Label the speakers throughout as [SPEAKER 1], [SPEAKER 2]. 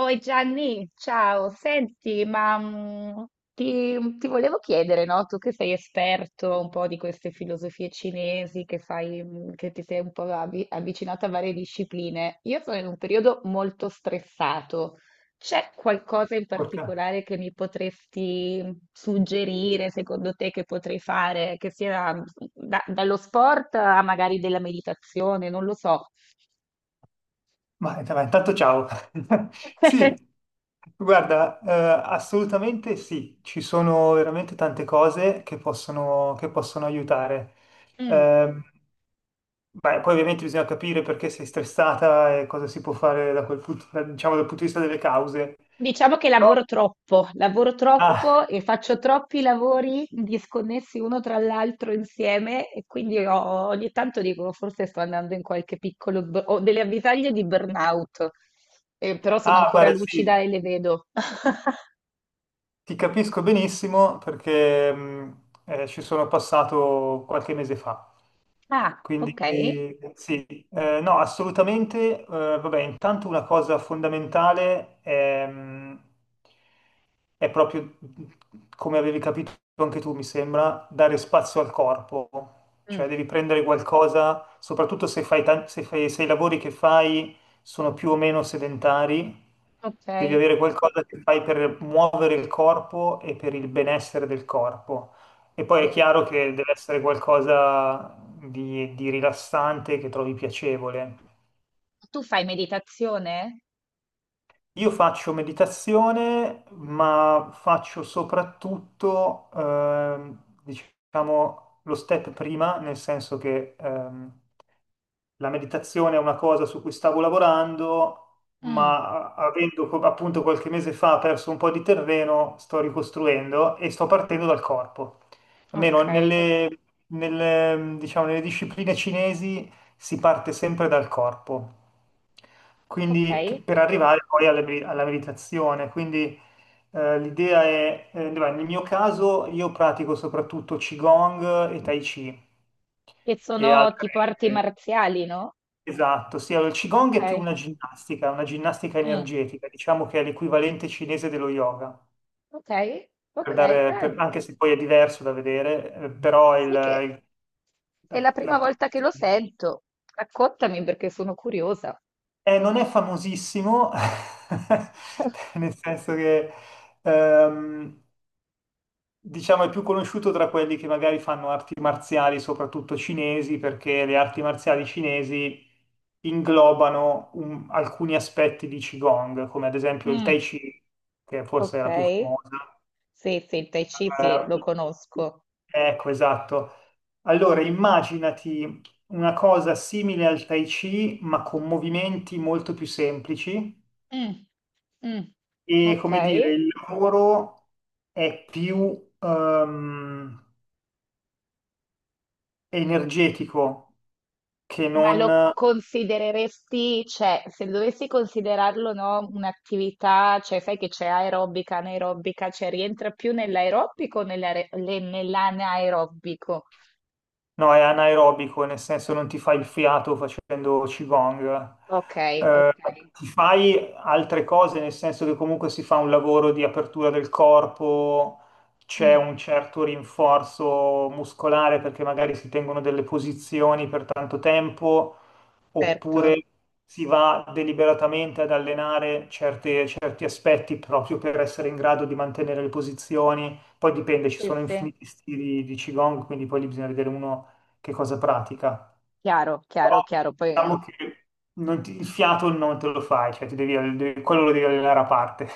[SPEAKER 1] Oi Gianni, ciao, senti, ti volevo chiedere, no? Tu che sei esperto un po' di queste filosofie cinesi, che sai, che ti sei un po' avvicinato a varie discipline. Io sono in un periodo molto stressato. C'è qualcosa in
[SPEAKER 2] Porca.
[SPEAKER 1] particolare che mi potresti suggerire, secondo te, che potrei fare, che sia dallo sport a magari della meditazione, non lo so.
[SPEAKER 2] Ma intanto ciao. Sì, guarda, assolutamente sì, ci sono veramente tante cose che possono aiutare.
[SPEAKER 1] Mm.
[SPEAKER 2] Ehm, Beh, poi ovviamente bisogna capire perché sei stressata e cosa si può fare da quel punto, diciamo, dal punto di vista delle cause.
[SPEAKER 1] Diciamo che
[SPEAKER 2] Però,
[SPEAKER 1] lavoro
[SPEAKER 2] ah,
[SPEAKER 1] troppo e faccio troppi lavori disconnessi uno tra l'altro insieme e quindi ogni tanto dico forse sto andando in qualche piccolo, ho delle avvisaglie di burnout, eh, però sono ancora
[SPEAKER 2] guarda, sì,
[SPEAKER 1] lucida e le vedo.
[SPEAKER 2] ti capisco benissimo perché ci sono passato qualche mese fa.
[SPEAKER 1] Ah,
[SPEAKER 2] Quindi
[SPEAKER 1] ok,
[SPEAKER 2] sì. No, assolutamente. Vabbè, intanto una cosa fondamentale è, proprio, come avevi capito anche tu, mi sembra, dare spazio al corpo.
[SPEAKER 1] mm,
[SPEAKER 2] Cioè devi prendere qualcosa, soprattutto se fai, se i lavori che fai sono più o meno sedentari, devi
[SPEAKER 1] ok,
[SPEAKER 2] avere qualcosa che fai per muovere il corpo e per il benessere del corpo. E poi è
[SPEAKER 1] sì.
[SPEAKER 2] chiaro che deve essere qualcosa di rilassante che trovi piacevole.
[SPEAKER 1] Tu fai meditazione?
[SPEAKER 2] Io faccio meditazione, ma faccio soprattutto, diciamo, lo step prima, nel senso che la meditazione è una cosa su cui stavo lavorando,
[SPEAKER 1] Mm,
[SPEAKER 2] ma avendo appunto qualche mese fa perso un po' di terreno, sto ricostruendo e sto partendo dal corpo.
[SPEAKER 1] ok,
[SPEAKER 2] Almeno diciamo, nelle discipline cinesi si parte sempre dal corpo, quindi
[SPEAKER 1] ok,
[SPEAKER 2] per arrivare poi alla meditazione. Quindi l'idea è, beh, nel mio caso io pratico soprattutto Qigong e Tai Chi
[SPEAKER 1] che
[SPEAKER 2] e
[SPEAKER 1] sono
[SPEAKER 2] altre.
[SPEAKER 1] tipo arti
[SPEAKER 2] eh,
[SPEAKER 1] marziali, no?
[SPEAKER 2] Esatto, sì, allora il
[SPEAKER 1] Ok,
[SPEAKER 2] Qigong è più una ginnastica
[SPEAKER 1] mm,
[SPEAKER 2] energetica, diciamo che è l'equivalente cinese dello yoga,
[SPEAKER 1] ok. Ok,
[SPEAKER 2] anche se poi è diverso da vedere, però
[SPEAKER 1] sai che
[SPEAKER 2] il-
[SPEAKER 1] è la
[SPEAKER 2] la-
[SPEAKER 1] prima
[SPEAKER 2] la-
[SPEAKER 1] volta che lo sento. Raccontami perché sono curiosa.
[SPEAKER 2] non è famosissimo, nel senso che ehm, diciamo, è più conosciuto tra quelli che magari fanno arti marziali, soprattutto cinesi, perché le arti marziali cinesi inglobano alcuni aspetti di Qigong, come ad esempio il
[SPEAKER 1] Mm,
[SPEAKER 2] Tai Chi, che forse è
[SPEAKER 1] ok.
[SPEAKER 2] la più famosa.
[SPEAKER 1] Sì, sì, il Tai Chi, sì,
[SPEAKER 2] Eh,
[SPEAKER 1] lo conosco.
[SPEAKER 2] ecco, esatto. Allora, immaginati una cosa simile al Tai Chi, ma con movimenti molto più semplici
[SPEAKER 1] Mm, mm.
[SPEAKER 2] e,
[SPEAKER 1] Ok.
[SPEAKER 2] come dire, il lavoro è più, energetico che Mm.
[SPEAKER 1] Ma lo
[SPEAKER 2] non.
[SPEAKER 1] considereresti, cioè, se dovessi considerarlo, no, un'attività, cioè, sai che c'è aerobica, anaerobica, cioè, rientra più nell'aerobico o nell'anaerobico?
[SPEAKER 2] No, è anaerobico, nel senso non ti fai il fiato facendo Qigong.
[SPEAKER 1] Ok,
[SPEAKER 2] Eh,
[SPEAKER 1] ok,
[SPEAKER 2] Ti fai altre cose, nel senso che comunque si fa un lavoro di apertura del corpo, c'è
[SPEAKER 1] mm,
[SPEAKER 2] un certo rinforzo muscolare perché magari si tengono delle posizioni per tanto tempo,
[SPEAKER 1] certo.
[SPEAKER 2] oppure si va deliberatamente ad allenare certi aspetti proprio per essere in grado di mantenere le posizioni. Poi dipende, ci
[SPEAKER 1] Sì,
[SPEAKER 2] sono
[SPEAKER 1] sì.
[SPEAKER 2] infiniti stili di Qigong, quindi poi lì bisogna vedere uno che cosa pratica.
[SPEAKER 1] Chiaro,
[SPEAKER 2] Però
[SPEAKER 1] chiaro, chiaro. Poi...
[SPEAKER 2] diciamo che non ti- il fiato non te lo fai, cioè ti devi, quello lo devi allenare a parte,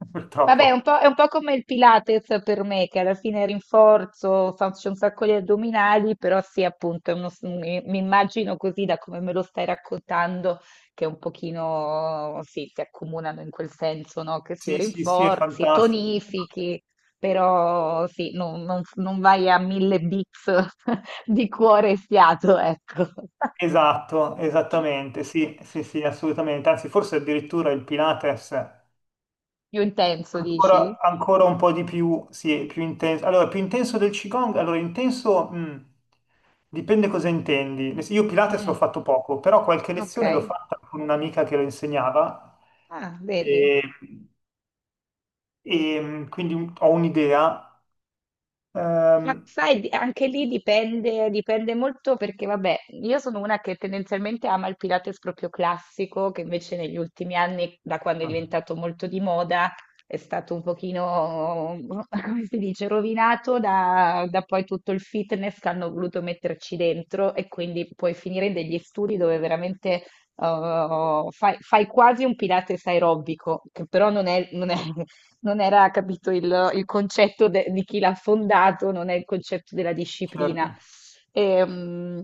[SPEAKER 1] Vabbè,
[SPEAKER 2] purtroppo.
[SPEAKER 1] è un po' come il Pilates per me, che alla fine rinforzo, faccio un sacco di addominali, però sì, appunto, è mi immagino così da come me lo stai raccontando, che un pochino, sì, si accomunano in quel senso, no? Che si
[SPEAKER 2] Sì, sì, sì, è
[SPEAKER 1] rinforzi,
[SPEAKER 2] fantastico.
[SPEAKER 1] tonifichi, però sì, non vai a mille beats di cuore e fiato, ecco.
[SPEAKER 2] Esatto, esattamente, sì, sì, sì, assolutamente. Anzi, forse addirittura il Pilates
[SPEAKER 1] Più intenso, dici?
[SPEAKER 2] ancora, ancora un po' di più, sì, è più intenso. Allora, più intenso del Qigong? Allora, intenso, dipende cosa intendi. Io Pilates l'ho
[SPEAKER 1] Mm,
[SPEAKER 2] fatto poco, però qualche
[SPEAKER 1] ok.
[SPEAKER 2] lezione l'ho fatta con un'amica che lo insegnava
[SPEAKER 1] Ah, vedi,
[SPEAKER 2] e quindi ho un'idea.
[SPEAKER 1] ma
[SPEAKER 2] Ehm,
[SPEAKER 1] sai, anche lì dipende, dipende molto perché, vabbè, io sono una che tendenzialmente ama il Pilates proprio classico, che invece negli ultimi anni, da quando è
[SPEAKER 2] ah,
[SPEAKER 1] diventato molto di moda, è stato un pochino, come si dice, rovinato da, da poi tutto il fitness che hanno voluto metterci dentro e quindi puoi finire in degli studi dove veramente... Eh, fai, fai quasi un Pilates aerobico, che però non è, non era capito il concetto di chi l'ha fondato, non è il concetto della disciplina.
[SPEAKER 2] certo,
[SPEAKER 1] Ehm,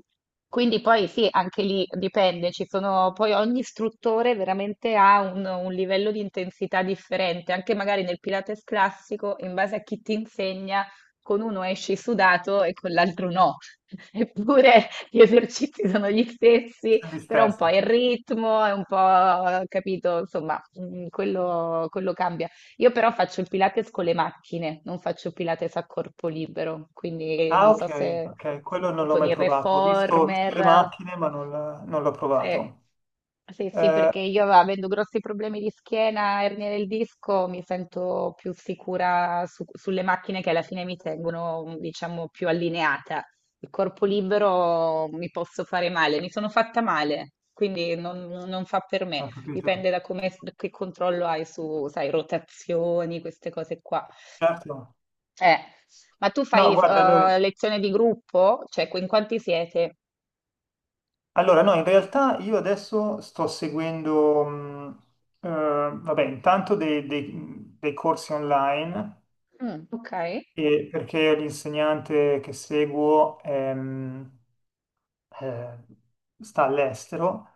[SPEAKER 1] quindi poi sì, anche lì dipende, ci sono, poi ogni istruttore veramente ha un livello di intensità differente, anche magari nel Pilates classico, in base a chi ti insegna, con uno esci sudato e con l'altro no, eppure gli esercizi sono gli stessi,
[SPEAKER 2] gli
[SPEAKER 1] però un po'
[SPEAKER 2] stessi.
[SPEAKER 1] il ritmo, è un po', capito, insomma, quello cambia. Io però faccio il Pilates con le macchine, non faccio Pilates a corpo libero, quindi
[SPEAKER 2] Ah,
[SPEAKER 1] non so
[SPEAKER 2] ok,
[SPEAKER 1] se,
[SPEAKER 2] ok,
[SPEAKER 1] se
[SPEAKER 2] quello non l'ho
[SPEAKER 1] con
[SPEAKER 2] mai
[SPEAKER 1] il
[SPEAKER 2] provato. Ho visto le
[SPEAKER 1] reformer,
[SPEAKER 2] macchine, ma non, non l'ho
[SPEAKER 1] se,
[SPEAKER 2] provato.
[SPEAKER 1] se sì,
[SPEAKER 2] Eh,
[SPEAKER 1] perché io avendo grossi problemi di schiena, ernia del disco, mi sento più sicura sulle macchine che alla fine mi tengono, diciamo, più allineata. Il corpo libero mi posso fare male, mi sono fatta male, quindi non non fa per me.
[SPEAKER 2] Ho capito.
[SPEAKER 1] Dipende da come, che controllo hai su, sai, rotazioni, queste cose qua.
[SPEAKER 2] Certo.
[SPEAKER 1] Eh, ma tu fai
[SPEAKER 2] No, guarda,
[SPEAKER 1] lezione di gruppo? Cioè, in quanti siete?
[SPEAKER 2] no, in realtà io adesso sto seguendo, vabbè, intanto dei corsi online.
[SPEAKER 1] Mm, ok,
[SPEAKER 2] E perché l'insegnante che seguo eh, sta all'estero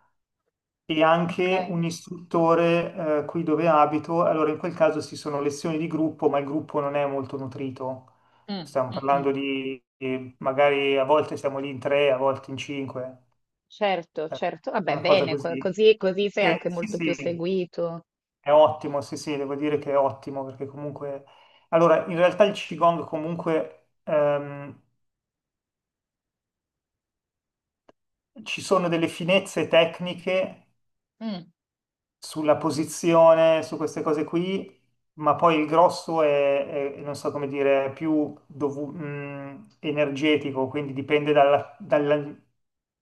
[SPEAKER 2] e
[SPEAKER 1] ok.
[SPEAKER 2] anche un istruttore qui dove abito. Allora, in quel caso ci sono lezioni di gruppo, ma il gruppo non è molto nutrito.
[SPEAKER 1] Mm,
[SPEAKER 2] Stiamo
[SPEAKER 1] mm,
[SPEAKER 2] parlando
[SPEAKER 1] mm,
[SPEAKER 2] di magari a volte siamo lì in tre, a volte in cinque,
[SPEAKER 1] certo,
[SPEAKER 2] eh,
[SPEAKER 1] certo. Vabbè,
[SPEAKER 2] una cosa
[SPEAKER 1] bene,
[SPEAKER 2] così.
[SPEAKER 1] così, così sei
[SPEAKER 2] Che
[SPEAKER 1] anche
[SPEAKER 2] sì,
[SPEAKER 1] molto più
[SPEAKER 2] sì,
[SPEAKER 1] seguito.
[SPEAKER 2] è ottimo, sì, sì, devo dire che è ottimo perché comunque... Allora, in realtà il Qigong comunque ci sono delle finezze tecniche
[SPEAKER 1] Mm.
[SPEAKER 2] sulla posizione, su queste cose qui, ma poi il grosso è, non so come dire, è più energetico, quindi dipende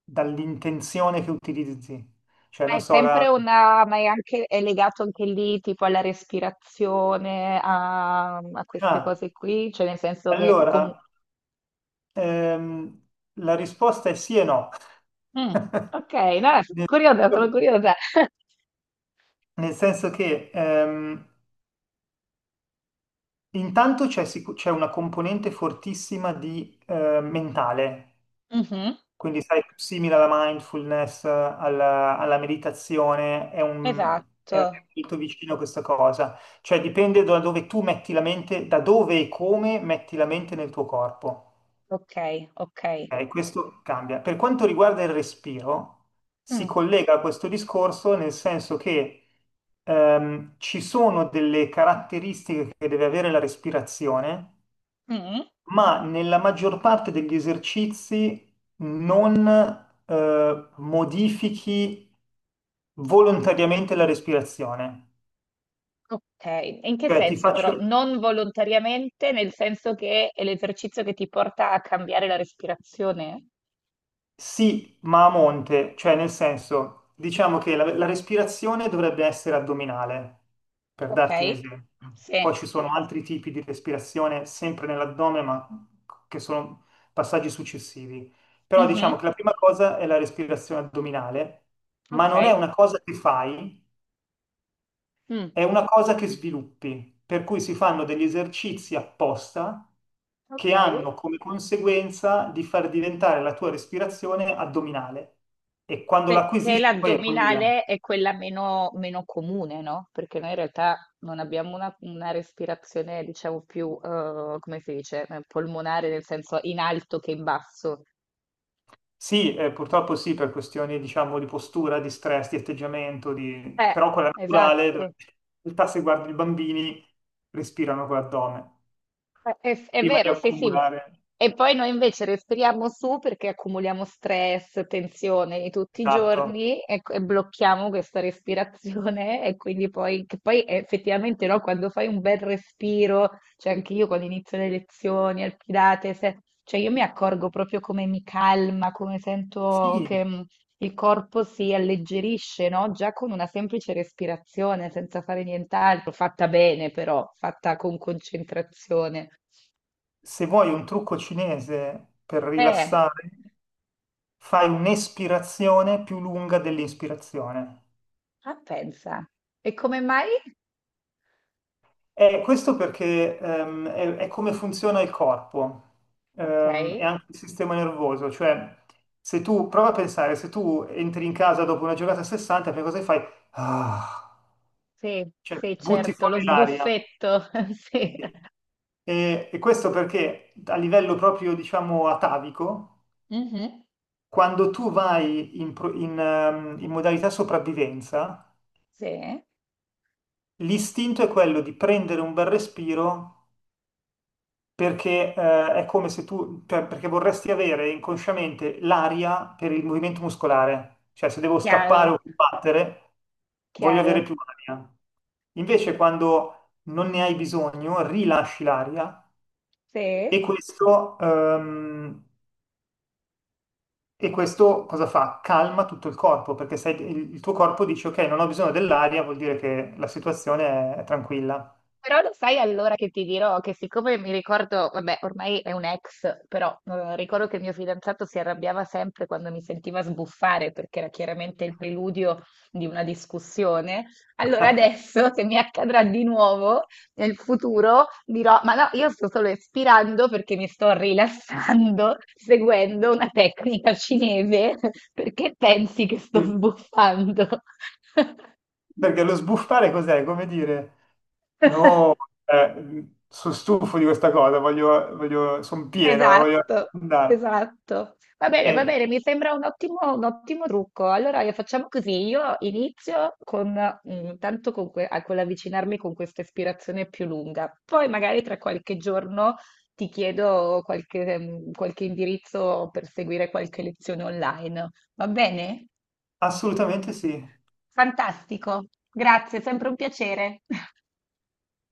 [SPEAKER 2] dall'intenzione che utilizzi. Cioè,
[SPEAKER 1] Ma
[SPEAKER 2] non
[SPEAKER 1] è
[SPEAKER 2] so, la...
[SPEAKER 1] sempre una, ma è anche, è legato anche lì, tipo alla respirazione, a, a queste
[SPEAKER 2] Ah,
[SPEAKER 1] cose qui, cioè nel senso che
[SPEAKER 2] allora,
[SPEAKER 1] comunque...
[SPEAKER 2] ehm, la risposta è sì e no.
[SPEAKER 1] Ok, no, sono
[SPEAKER 2] Nel
[SPEAKER 1] curiosa, sono curiosa.
[SPEAKER 2] nel senso che intanto c'è una componente fortissima di mentale,
[SPEAKER 1] Mh-mh.
[SPEAKER 2] quindi sai, simile alla mindfulness, alla meditazione, è è
[SPEAKER 1] Esatto.
[SPEAKER 2] molto vicino a questa cosa, cioè dipende da dove tu metti la mente, da dove e come metti la mente nel tuo corpo.
[SPEAKER 1] Okay, okay.
[SPEAKER 2] Ok, questo cambia. Per quanto riguarda il respiro, si
[SPEAKER 1] Mh,
[SPEAKER 2] collega a questo discorso nel senso che ci sono delle caratteristiche che deve avere la respirazione,
[SPEAKER 1] mh,
[SPEAKER 2] ma nella maggior parte degli esercizi non modifichi volontariamente la respirazione.
[SPEAKER 1] okay. In che
[SPEAKER 2] Cioè, ti
[SPEAKER 1] senso però?
[SPEAKER 2] faccio
[SPEAKER 1] Non volontariamente, nel senso che è l'esercizio che ti porta a cambiare la respirazione?
[SPEAKER 2] sì, ma a monte, cioè nel senso, diciamo che la respirazione dovrebbe essere addominale, per darti un
[SPEAKER 1] Okay.
[SPEAKER 2] esempio.
[SPEAKER 1] Sì.
[SPEAKER 2] Poi ci sono altri tipi di respirazione sempre nell'addome, ma che sono passaggi successivi. Però diciamo
[SPEAKER 1] Mh-mh.
[SPEAKER 2] che la prima cosa è la respirazione addominale, ma non è
[SPEAKER 1] Okay.
[SPEAKER 2] una cosa che fai.
[SPEAKER 1] Mh.
[SPEAKER 2] È una cosa che sviluppi, per cui si fanno degli esercizi apposta che
[SPEAKER 1] Okay.
[SPEAKER 2] hanno come conseguenza di far diventare la tua respirazione addominale. E quando
[SPEAKER 1] Perché
[SPEAKER 2] l'acquisisci, poi è quella.
[SPEAKER 1] l'addominale è quella meno comune, no, perché noi in realtà non abbiamo una respirazione diciamo più, come si dice, polmonare, nel senso in alto che in basso.
[SPEAKER 2] Sì, purtroppo sì, per questioni, diciamo, di postura, di stress, di atteggiamento, di...
[SPEAKER 1] Eh,
[SPEAKER 2] però quella naturale, dove
[SPEAKER 1] esatto,
[SPEAKER 2] in realtà se guardi i bambini, respirano con l'addome,
[SPEAKER 1] eh, è
[SPEAKER 2] prima di
[SPEAKER 1] vero, sì, sì.
[SPEAKER 2] accumulare.
[SPEAKER 1] E poi noi invece respiriamo su perché accumuliamo stress, tensione di tutti i
[SPEAKER 2] Esatto.
[SPEAKER 1] giorni e blocchiamo questa respirazione e quindi poi, che poi effettivamente no, quando fai un bel respiro, cioè anche io quando inizio le lezioni al Pilates, cioè io mi accorgo proprio come mi calma, come sento
[SPEAKER 2] Sì,
[SPEAKER 1] che, il corpo si alleggerisce, no? Già con una semplice respirazione, senza fare nient'altro, fatta bene però, fatta con concentrazione.
[SPEAKER 2] se vuoi un trucco cinese per
[SPEAKER 1] Eh,
[SPEAKER 2] rilassare, fai un'espirazione più lunga dell'inspirazione.
[SPEAKER 1] ah, pensa. E come mai?
[SPEAKER 2] E questo perché è come funziona il corpo
[SPEAKER 1] Ok,
[SPEAKER 2] e anche il sistema nervoso, cioè se tu prova a pensare, se tu entri in casa dopo una giornata a 60, prima cosa che fai? Ah,
[SPEAKER 1] sì,
[SPEAKER 2] cioè
[SPEAKER 1] sì,
[SPEAKER 2] butti
[SPEAKER 1] certo, lo
[SPEAKER 2] fuori l'aria.
[SPEAKER 1] sbuffetto, sì.
[SPEAKER 2] E questo perché a livello proprio, diciamo, atavico,
[SPEAKER 1] Mhm,
[SPEAKER 2] quando tu vai in modalità sopravvivenza,
[SPEAKER 1] sì,
[SPEAKER 2] l'istinto è quello di prendere un bel respiro perché è come se tu, cioè, perché vorresti avere inconsciamente l'aria per il movimento muscolare, cioè se devo scappare
[SPEAKER 1] chiaro,
[SPEAKER 2] o combattere, voglio avere
[SPEAKER 1] chiaro,
[SPEAKER 2] più aria. Invece quando non ne hai bisogno, rilasci l'aria e
[SPEAKER 1] sì.
[SPEAKER 2] questo, ehm, e questo cosa fa? Calma tutto il corpo, perché il tuo corpo dice ok, non ho bisogno dell'aria, vuol dire che la situazione è tranquilla.
[SPEAKER 1] Però lo sai allora che ti dirò che siccome mi ricordo, vabbè, ormai è un ex, però ricordo che il mio fidanzato si arrabbiava sempre quando mi sentiva sbuffare perché era chiaramente il preludio di una discussione. Allora adesso, se mi accadrà di nuovo nel futuro, dirò, ma no, io sto solo espirando perché mi sto rilassando seguendo una tecnica cinese, perché pensi che sto
[SPEAKER 2] Mm.
[SPEAKER 1] sbuffando?
[SPEAKER 2] Perché lo sbuffare cos'è? Come dire, no, sono stufo di questa cosa, voglio, voglio, sono pieno, voglio
[SPEAKER 1] Esatto,
[SPEAKER 2] andare.
[SPEAKER 1] esatto. Va
[SPEAKER 2] Eh,
[SPEAKER 1] bene, mi sembra un ottimo trucco. Allora facciamo così, io inizio con, tanto con, con l'avvicinarmi con questa ispirazione più lunga, poi magari tra qualche giorno ti chiedo qualche, qualche indirizzo per seguire qualche lezione online. Va bene?
[SPEAKER 2] assolutamente sì.
[SPEAKER 1] Fantastico, grazie, sempre un piacere.